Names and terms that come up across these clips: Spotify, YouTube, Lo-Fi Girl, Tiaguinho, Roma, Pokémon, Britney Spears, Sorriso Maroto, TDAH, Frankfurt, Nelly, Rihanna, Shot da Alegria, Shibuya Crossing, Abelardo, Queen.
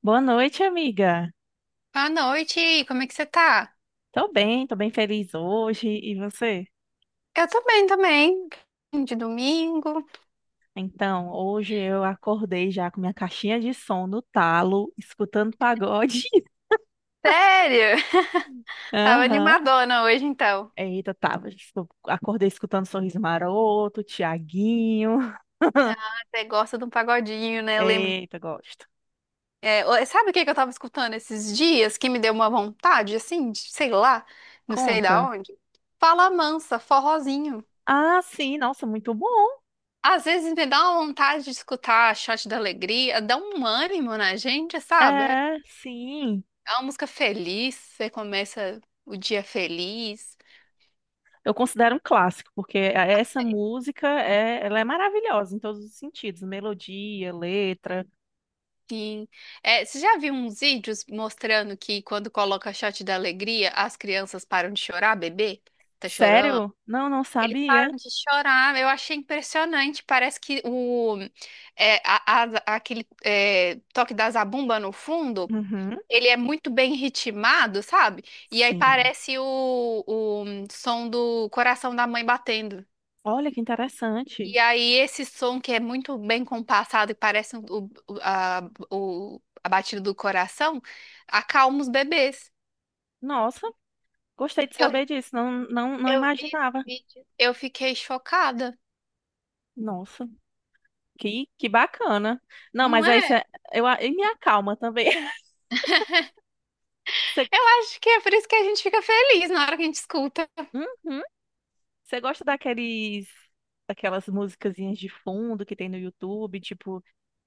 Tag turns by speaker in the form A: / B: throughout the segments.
A: Boa noite, amiga.
B: Boa noite, como é que você tá?
A: Tô bem feliz hoje. E você?
B: Eu tô bem também, de domingo.
A: Então, hoje eu acordei já com minha caixinha de som no talo, escutando pagode.
B: Sério? Tava
A: Aham.
B: animadona hoje então.
A: Eita, tava. Acordei escutando Sorriso Maroto, Tiaguinho.
B: Ah, até gosta de um pagodinho, né? Eu lembro.
A: Eita, gosto.
B: Sabe o que que eu tava escutando esses dias que me deu uma vontade, assim, de, sei lá, não sei da
A: Conta.
B: onde? Fala mansa, forrozinho.
A: Ah, sim, nossa, muito bom.
B: Às vezes me dá uma vontade de escutar Shot da Alegria, dá um ânimo na gente, sabe?
A: É, sim.
B: É uma música feliz, você começa o dia feliz.
A: Eu considero um clássico, porque essa música é, ela é maravilhosa em todos os sentidos, melodia, letra.
B: Sim. É, você já viu uns vídeos mostrando que quando coloca Shot da Alegria, as crianças param de chorar, bebê? Tá chorando?
A: Sério? Não, não
B: Eles
A: sabia.
B: param de chorar. Eu achei impressionante. Parece que o toque da zabumba no fundo,
A: Uhum.
B: ele é muito bem ritmado, sabe? E aí
A: Sim.
B: parece o som do coração da mãe batendo.
A: Olha que interessante.
B: E aí, esse som que é muito bem compassado e parece a batida do coração, acalma os bebês.
A: Nossa, gostei de
B: Eu,
A: saber disso. Não, não, não
B: eu vi esse
A: imaginava.
B: vídeo. Eu fiquei chocada,
A: Nossa, que bacana. Não,
B: não
A: mas aí
B: é?
A: você, eu, e me acalma também. Você,
B: Eu acho que é por isso que a gente fica feliz na hora que a gente escuta.
A: uhum. Você gosta daqueles, daquelas musicazinhas de fundo que tem no YouTube, tipo,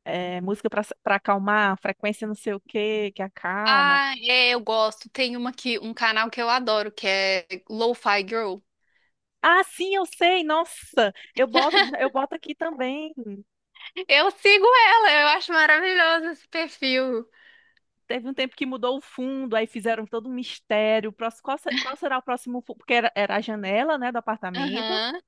A: é, música para acalmar, frequência não sei o quê, que acalma.
B: Ah, é, eu gosto. Tem um canal que eu adoro, que é Lo-Fi Girl.
A: Ah, sim, eu sei. Nossa, eu boto aqui também.
B: Eu sigo ela, eu acho maravilhoso esse perfil.
A: Teve um tempo que mudou o fundo, aí fizeram todo um mistério. Qual, se- qual será o próximo fundo? Porque era a janela, né, do apartamento.
B: Aham.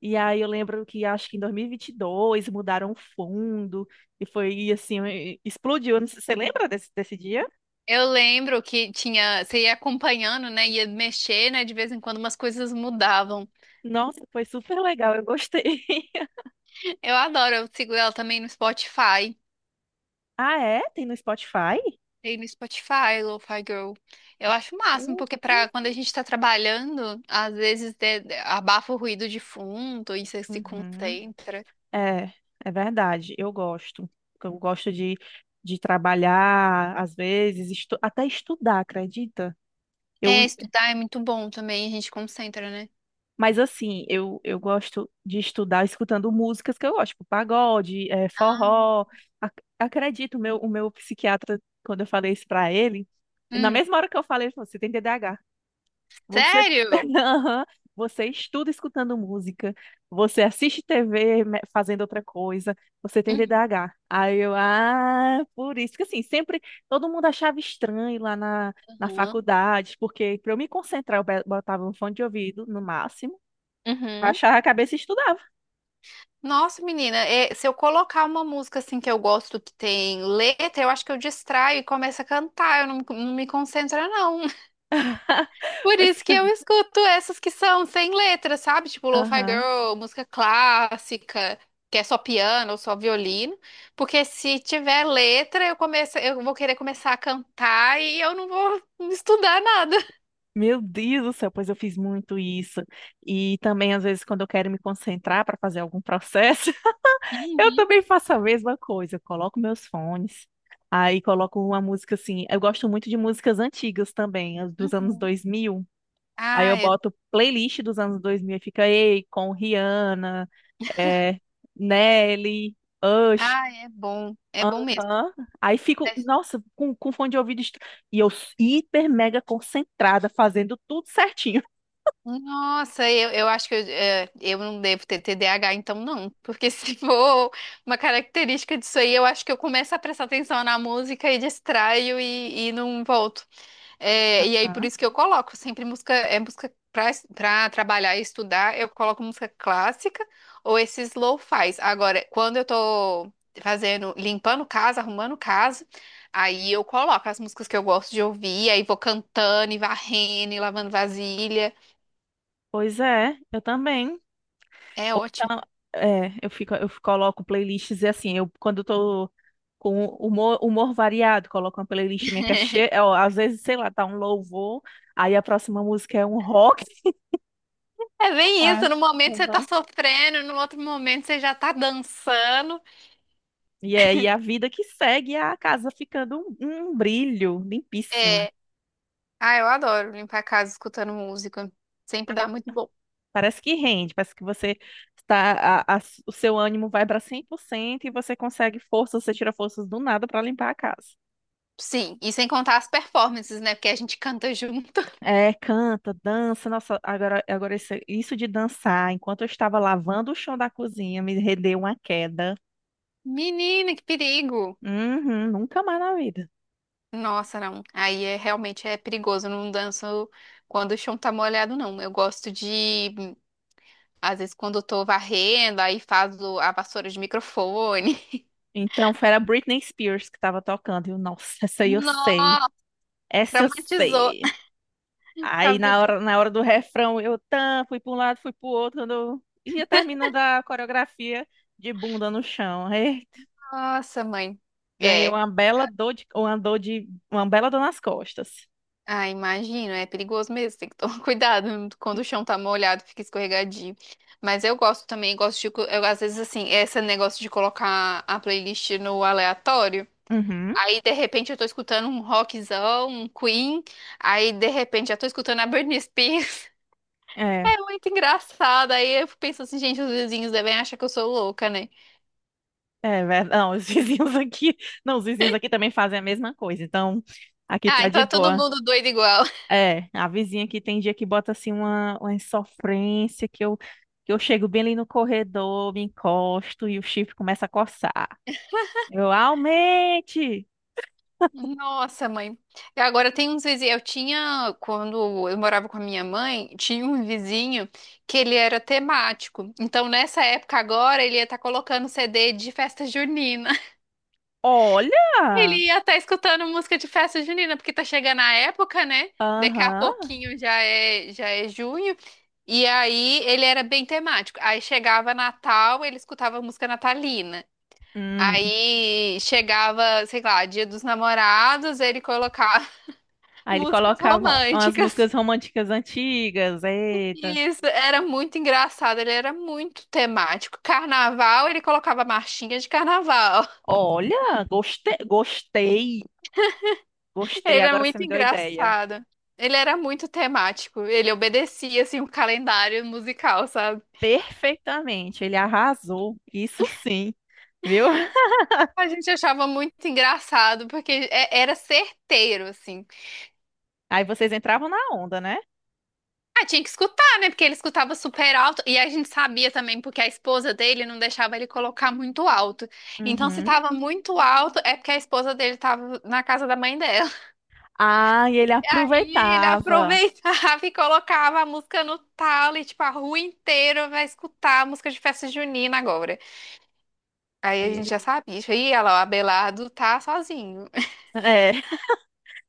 A: E aí eu lembro que acho que em dois mil e vinte e dois mudaram o fundo e foi assim, explodiu. Não sei- Você lembra desse dia?
B: Eu lembro que tinha, você ia acompanhando, né? Ia mexer, né? De vez em quando umas coisas mudavam.
A: Nossa, foi super legal, eu gostei.
B: Eu adoro, eu sigo ela também no Spotify.
A: Ah, é? Tem no Spotify?
B: Tem no Spotify, Lo-Fi Girl. Eu acho o máximo, porque pra
A: Isso.
B: quando a gente tá trabalhando, às vezes abafa o ruído de fundo e você se
A: Uhum.
B: concentra.
A: É, é, verdade, eu gosto. Eu gosto de trabalhar, às vezes, até estudar, acredita? Eu,
B: É, estudar é muito bom também, a gente concentra, né?
A: Mas assim, eu gosto de estudar escutando músicas que eu gosto, tipo pagode,
B: Ah,
A: forró. Acredito, o meu psiquiatra, quando eu falei isso pra ele, na
B: hum,
A: mesma hora que eu falei, ele falou, você tem TDAH. Você,
B: sério?
A: Aham. Você estuda escutando música, você assiste TV fazendo outra coisa, você tem
B: Uhum.
A: TDAH. Aí eu, ah, por isso que assim, sempre todo mundo achava estranho lá na
B: Uhum.
A: faculdade, porque para eu me concentrar, eu botava um fone de ouvido no máximo.
B: Uhum.
A: Baixava a cabeça e estudava.
B: Nossa, menina, se eu colocar uma música assim que eu gosto que tem letra, eu acho que eu distraio e começo a cantar, eu não, não me concentro, não. Por
A: Pois,
B: isso que eu escuto essas que são sem letra, sabe? Tipo Lo-Fi
A: aham.
B: Girl, música clássica, que é só piano ou só violino. Porque se tiver letra, eu vou querer começar a cantar e eu não vou estudar nada.
A: Meu Deus do céu, pois eu fiz muito isso. E também, às vezes, quando eu quero me concentrar para fazer algum processo, eu
B: Uhum,
A: também faço a mesma coisa. Eu coloco meus fones, aí coloco uma música assim. Eu gosto muito de músicas antigas também, as dos anos
B: uhum.
A: 2000. Aí eu
B: Ah, é,
A: boto playlist dos anos 2000 e fica Ei, com Rihanna, é, Nelly,
B: ah, é bom. É bom mesmo.
A: Aham. Aí fico, nossa, com fone de ouvido. E eu hiper mega concentrada, fazendo tudo certinho.
B: Nossa, eu acho que eu não devo ter T D A H, então não. Porque se for uma característica disso aí, eu acho que eu começo a prestar atenção na música e distraio e não volto. É, e aí, por
A: Aham.
B: isso que eu coloco sempre música, é música pra trabalhar e estudar, eu coloco música clássica ou esses lo-fis. Agora, quando eu tô limpando casa, arrumando casa, aí eu coloco as músicas que eu gosto de ouvir, aí vou cantando e varrendo e lavando vasilha.
A: Pois é, eu também.
B: É
A: Ou
B: ótimo.
A: então, é, eu fico, eu coloco playlists e assim, eu quando eu tô com humor, humor variado, coloco uma playlist minha que é cheia, é, ó, às vezes, sei lá, tá um louvor, aí a próxima música é um rock.
B: É bem
A: Ah,
B: isso, no momento você tá
A: aham.
B: sofrendo, no outro momento você já tá dançando.
A: E é e a vida que segue, a casa ficando um brilho limpíssima.
B: É, ah, eu adoro limpar a casa escutando música. Sempre dá muito bom.
A: Parece que rende, parece que você está, a- a- o seu ânimo vai para 100% e você consegue forças, você tira forças do nada para limpar a casa.
B: Sim, e sem contar as performances, né? Porque a gente canta junto.
A: É, canta, dança, nossa, agora, agora isso, de dançar, enquanto eu estava lavando o chão da cozinha, me rendeu uma queda.
B: Menina, que perigo!
A: Uhum, nunca mais na vida.
B: Nossa, não. Aí é realmente é perigoso. Eu não danço quando o chão tá molhado, não. Eu gosto de, às vezes, quando eu tô varrendo, aí faço a vassoura de microfone.
A: Então, foi a Britney Spears que estava tocando, e eu, nossa, essa aí eu sei,
B: Nossa,
A: essa eu
B: traumatizou.
A: sei. Aí na hora do refrão, fui para um lado, fui para o outro, quando eu ia terminando a coreografia de bunda no chão. Eita,
B: Nossa, mãe.
A: ganhei
B: É,
A: uma bela dor de, uma bela dor nas costas.
B: ah, imagino, é perigoso mesmo, tem que tomar cuidado quando o chão tá molhado, fica escorregadio. Mas eu gosto também, gosto de, eu, às vezes assim, esse negócio de colocar a playlist no aleatório,
A: Uhum.
B: aí de repente eu tô escutando um rockzão, um Queen, aí de repente já tô escutando a Britney Spears.
A: É,
B: É muito engraçado, aí eu penso assim, gente, os vizinhos devem achar que eu sou louca, né?
A: é verdade. Não, os vizinhos aqui, não, os vizinhos aqui também fazem a mesma coisa. Então, aqui
B: Ah,
A: tá
B: então
A: de
B: é todo
A: boa.
B: mundo doido igual.
A: É, a vizinha aqui tem dia que bota assim uma, insofrência que eu chego bem ali no corredor, me encosto e o chifre começa a coçar. Eu aumente!
B: Nossa, mãe. E agora tem uns vizinhos. Eu tinha, quando eu morava com a minha mãe, tinha um vizinho que ele era temático. Então, nessa época agora, ele ia estar colocando CD de festa junina.
A: Olha!
B: Ele ia estar escutando música de festa junina, porque tá chegando a época, né? Daqui a
A: Aham.
B: pouquinho já é junho. E aí ele era bem temático. Aí chegava Natal, ele escutava música natalina.
A: Hum.
B: Aí chegava, sei lá, Dia dos Namorados, ele colocava
A: Aí ele
B: músicas
A: colocava umas
B: românticas.
A: músicas românticas antigas. Eita.
B: Isso, era muito engraçado, ele era muito temático. Carnaval, ele colocava marchinha de carnaval.
A: Olha, gostei, gostei,
B: Ele
A: gostei.
B: era
A: Agora você
B: muito
A: me deu ideia.
B: engraçado. Ele era muito temático. Ele obedecia assim o calendário musical, sabe?
A: Perfeitamente, ele arrasou. Isso sim, viu?
B: A gente achava muito engraçado porque era certeiro assim.
A: Aí vocês entravam na onda, né?
B: Ah, tinha que escutar, né? Porque ele escutava super alto. E a gente sabia também, porque a esposa dele não deixava ele colocar muito alto. Então, se
A: Uhum.
B: tava muito alto, é porque a esposa dele tava na casa da mãe dela.
A: Ah, e ele
B: Aí ele
A: aproveitava.
B: aproveitava e colocava a música no talo e, tipo, a rua inteira vai escutar a música de festa junina agora. Aí
A: Aí
B: a gente
A: ele.
B: já sabia. Ih, olha lá, o Abelardo tá sozinho.
A: É.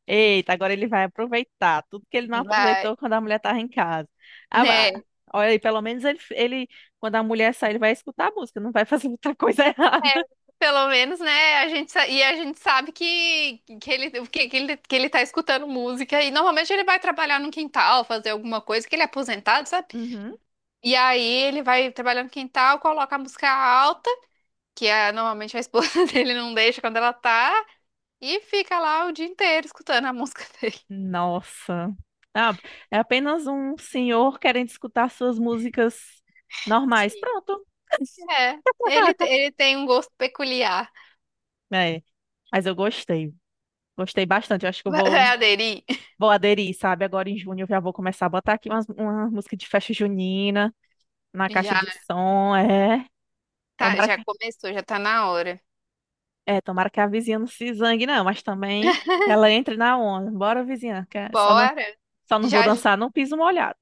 A: Eita, agora ele vai aproveitar tudo que ele não
B: Vai.
A: aproveitou quando a mulher estava em casa. Ah, ah,
B: Né?
A: olha aí, pelo menos ele, quando a mulher sair, ele vai escutar a música, não vai fazer muita coisa errada.
B: Pelo menos, né? A gente sabe que ele tá escutando música. E normalmente ele vai trabalhar no quintal, fazer alguma coisa, que ele é aposentado, sabe?
A: Uhum.
B: E aí ele vai trabalhar no quintal, coloca a música alta, que é, normalmente a esposa dele não deixa quando ela tá, e fica lá o dia inteiro escutando a música dele.
A: Nossa. Ah, é apenas um senhor querendo escutar suas músicas normais.
B: Sim.
A: Pronto.
B: É, ele, te- ele tem um gosto peculiar.
A: É, mas eu gostei. Gostei bastante. Eu acho que eu
B: Vai
A: vou,
B: vai aderir?
A: vou aderir, sabe? Agora em junho eu já vou começar a botar aqui uma, música de festa junina na caixa
B: Já,
A: de som. É.
B: tá,
A: Tomara
B: já
A: que,
B: começou, já tá na hora.
A: tomara que a vizinha não se zangue, não, mas também ela entre na onda. Bora, vizinha, que só não,
B: Bora!
A: só não vou
B: Já,
A: dançar num piso molhado.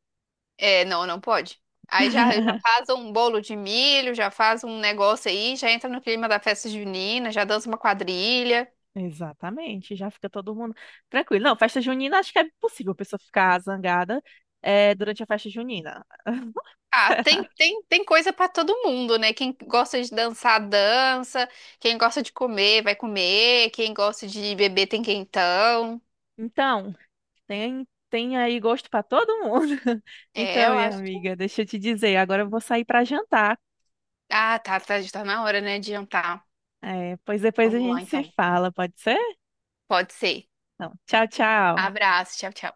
B: é, não, não pode. Aí já faz um bolo de milho, já faz um negócio aí, já entra no clima da festa junina, já dança uma quadrilha.
A: Exatamente, já fica todo mundo tranquilo. Não, festa junina, acho que é possível a pessoa ficar zangada, durante a festa junina.
B: Ah, tem,
A: Será?
B: tem, tem coisa pra todo mundo, né? Quem gosta de dançar, dança. Quem gosta de comer, vai comer. Quem gosta de beber, tem quentão.
A: Então, tem aí gosto para todo mundo.
B: É,
A: Então,
B: eu
A: minha
B: acho.
A: amiga, deixa eu te dizer, agora eu vou sair para jantar.
B: Ah, tá, tá, já tá na hora, né, de jantar.
A: É, pois depois a
B: Vamos lá,
A: gente se
B: então.
A: fala, pode ser?
B: Pode ser.
A: Então, tchau, tchau.
B: Abraço, tchau, tchau.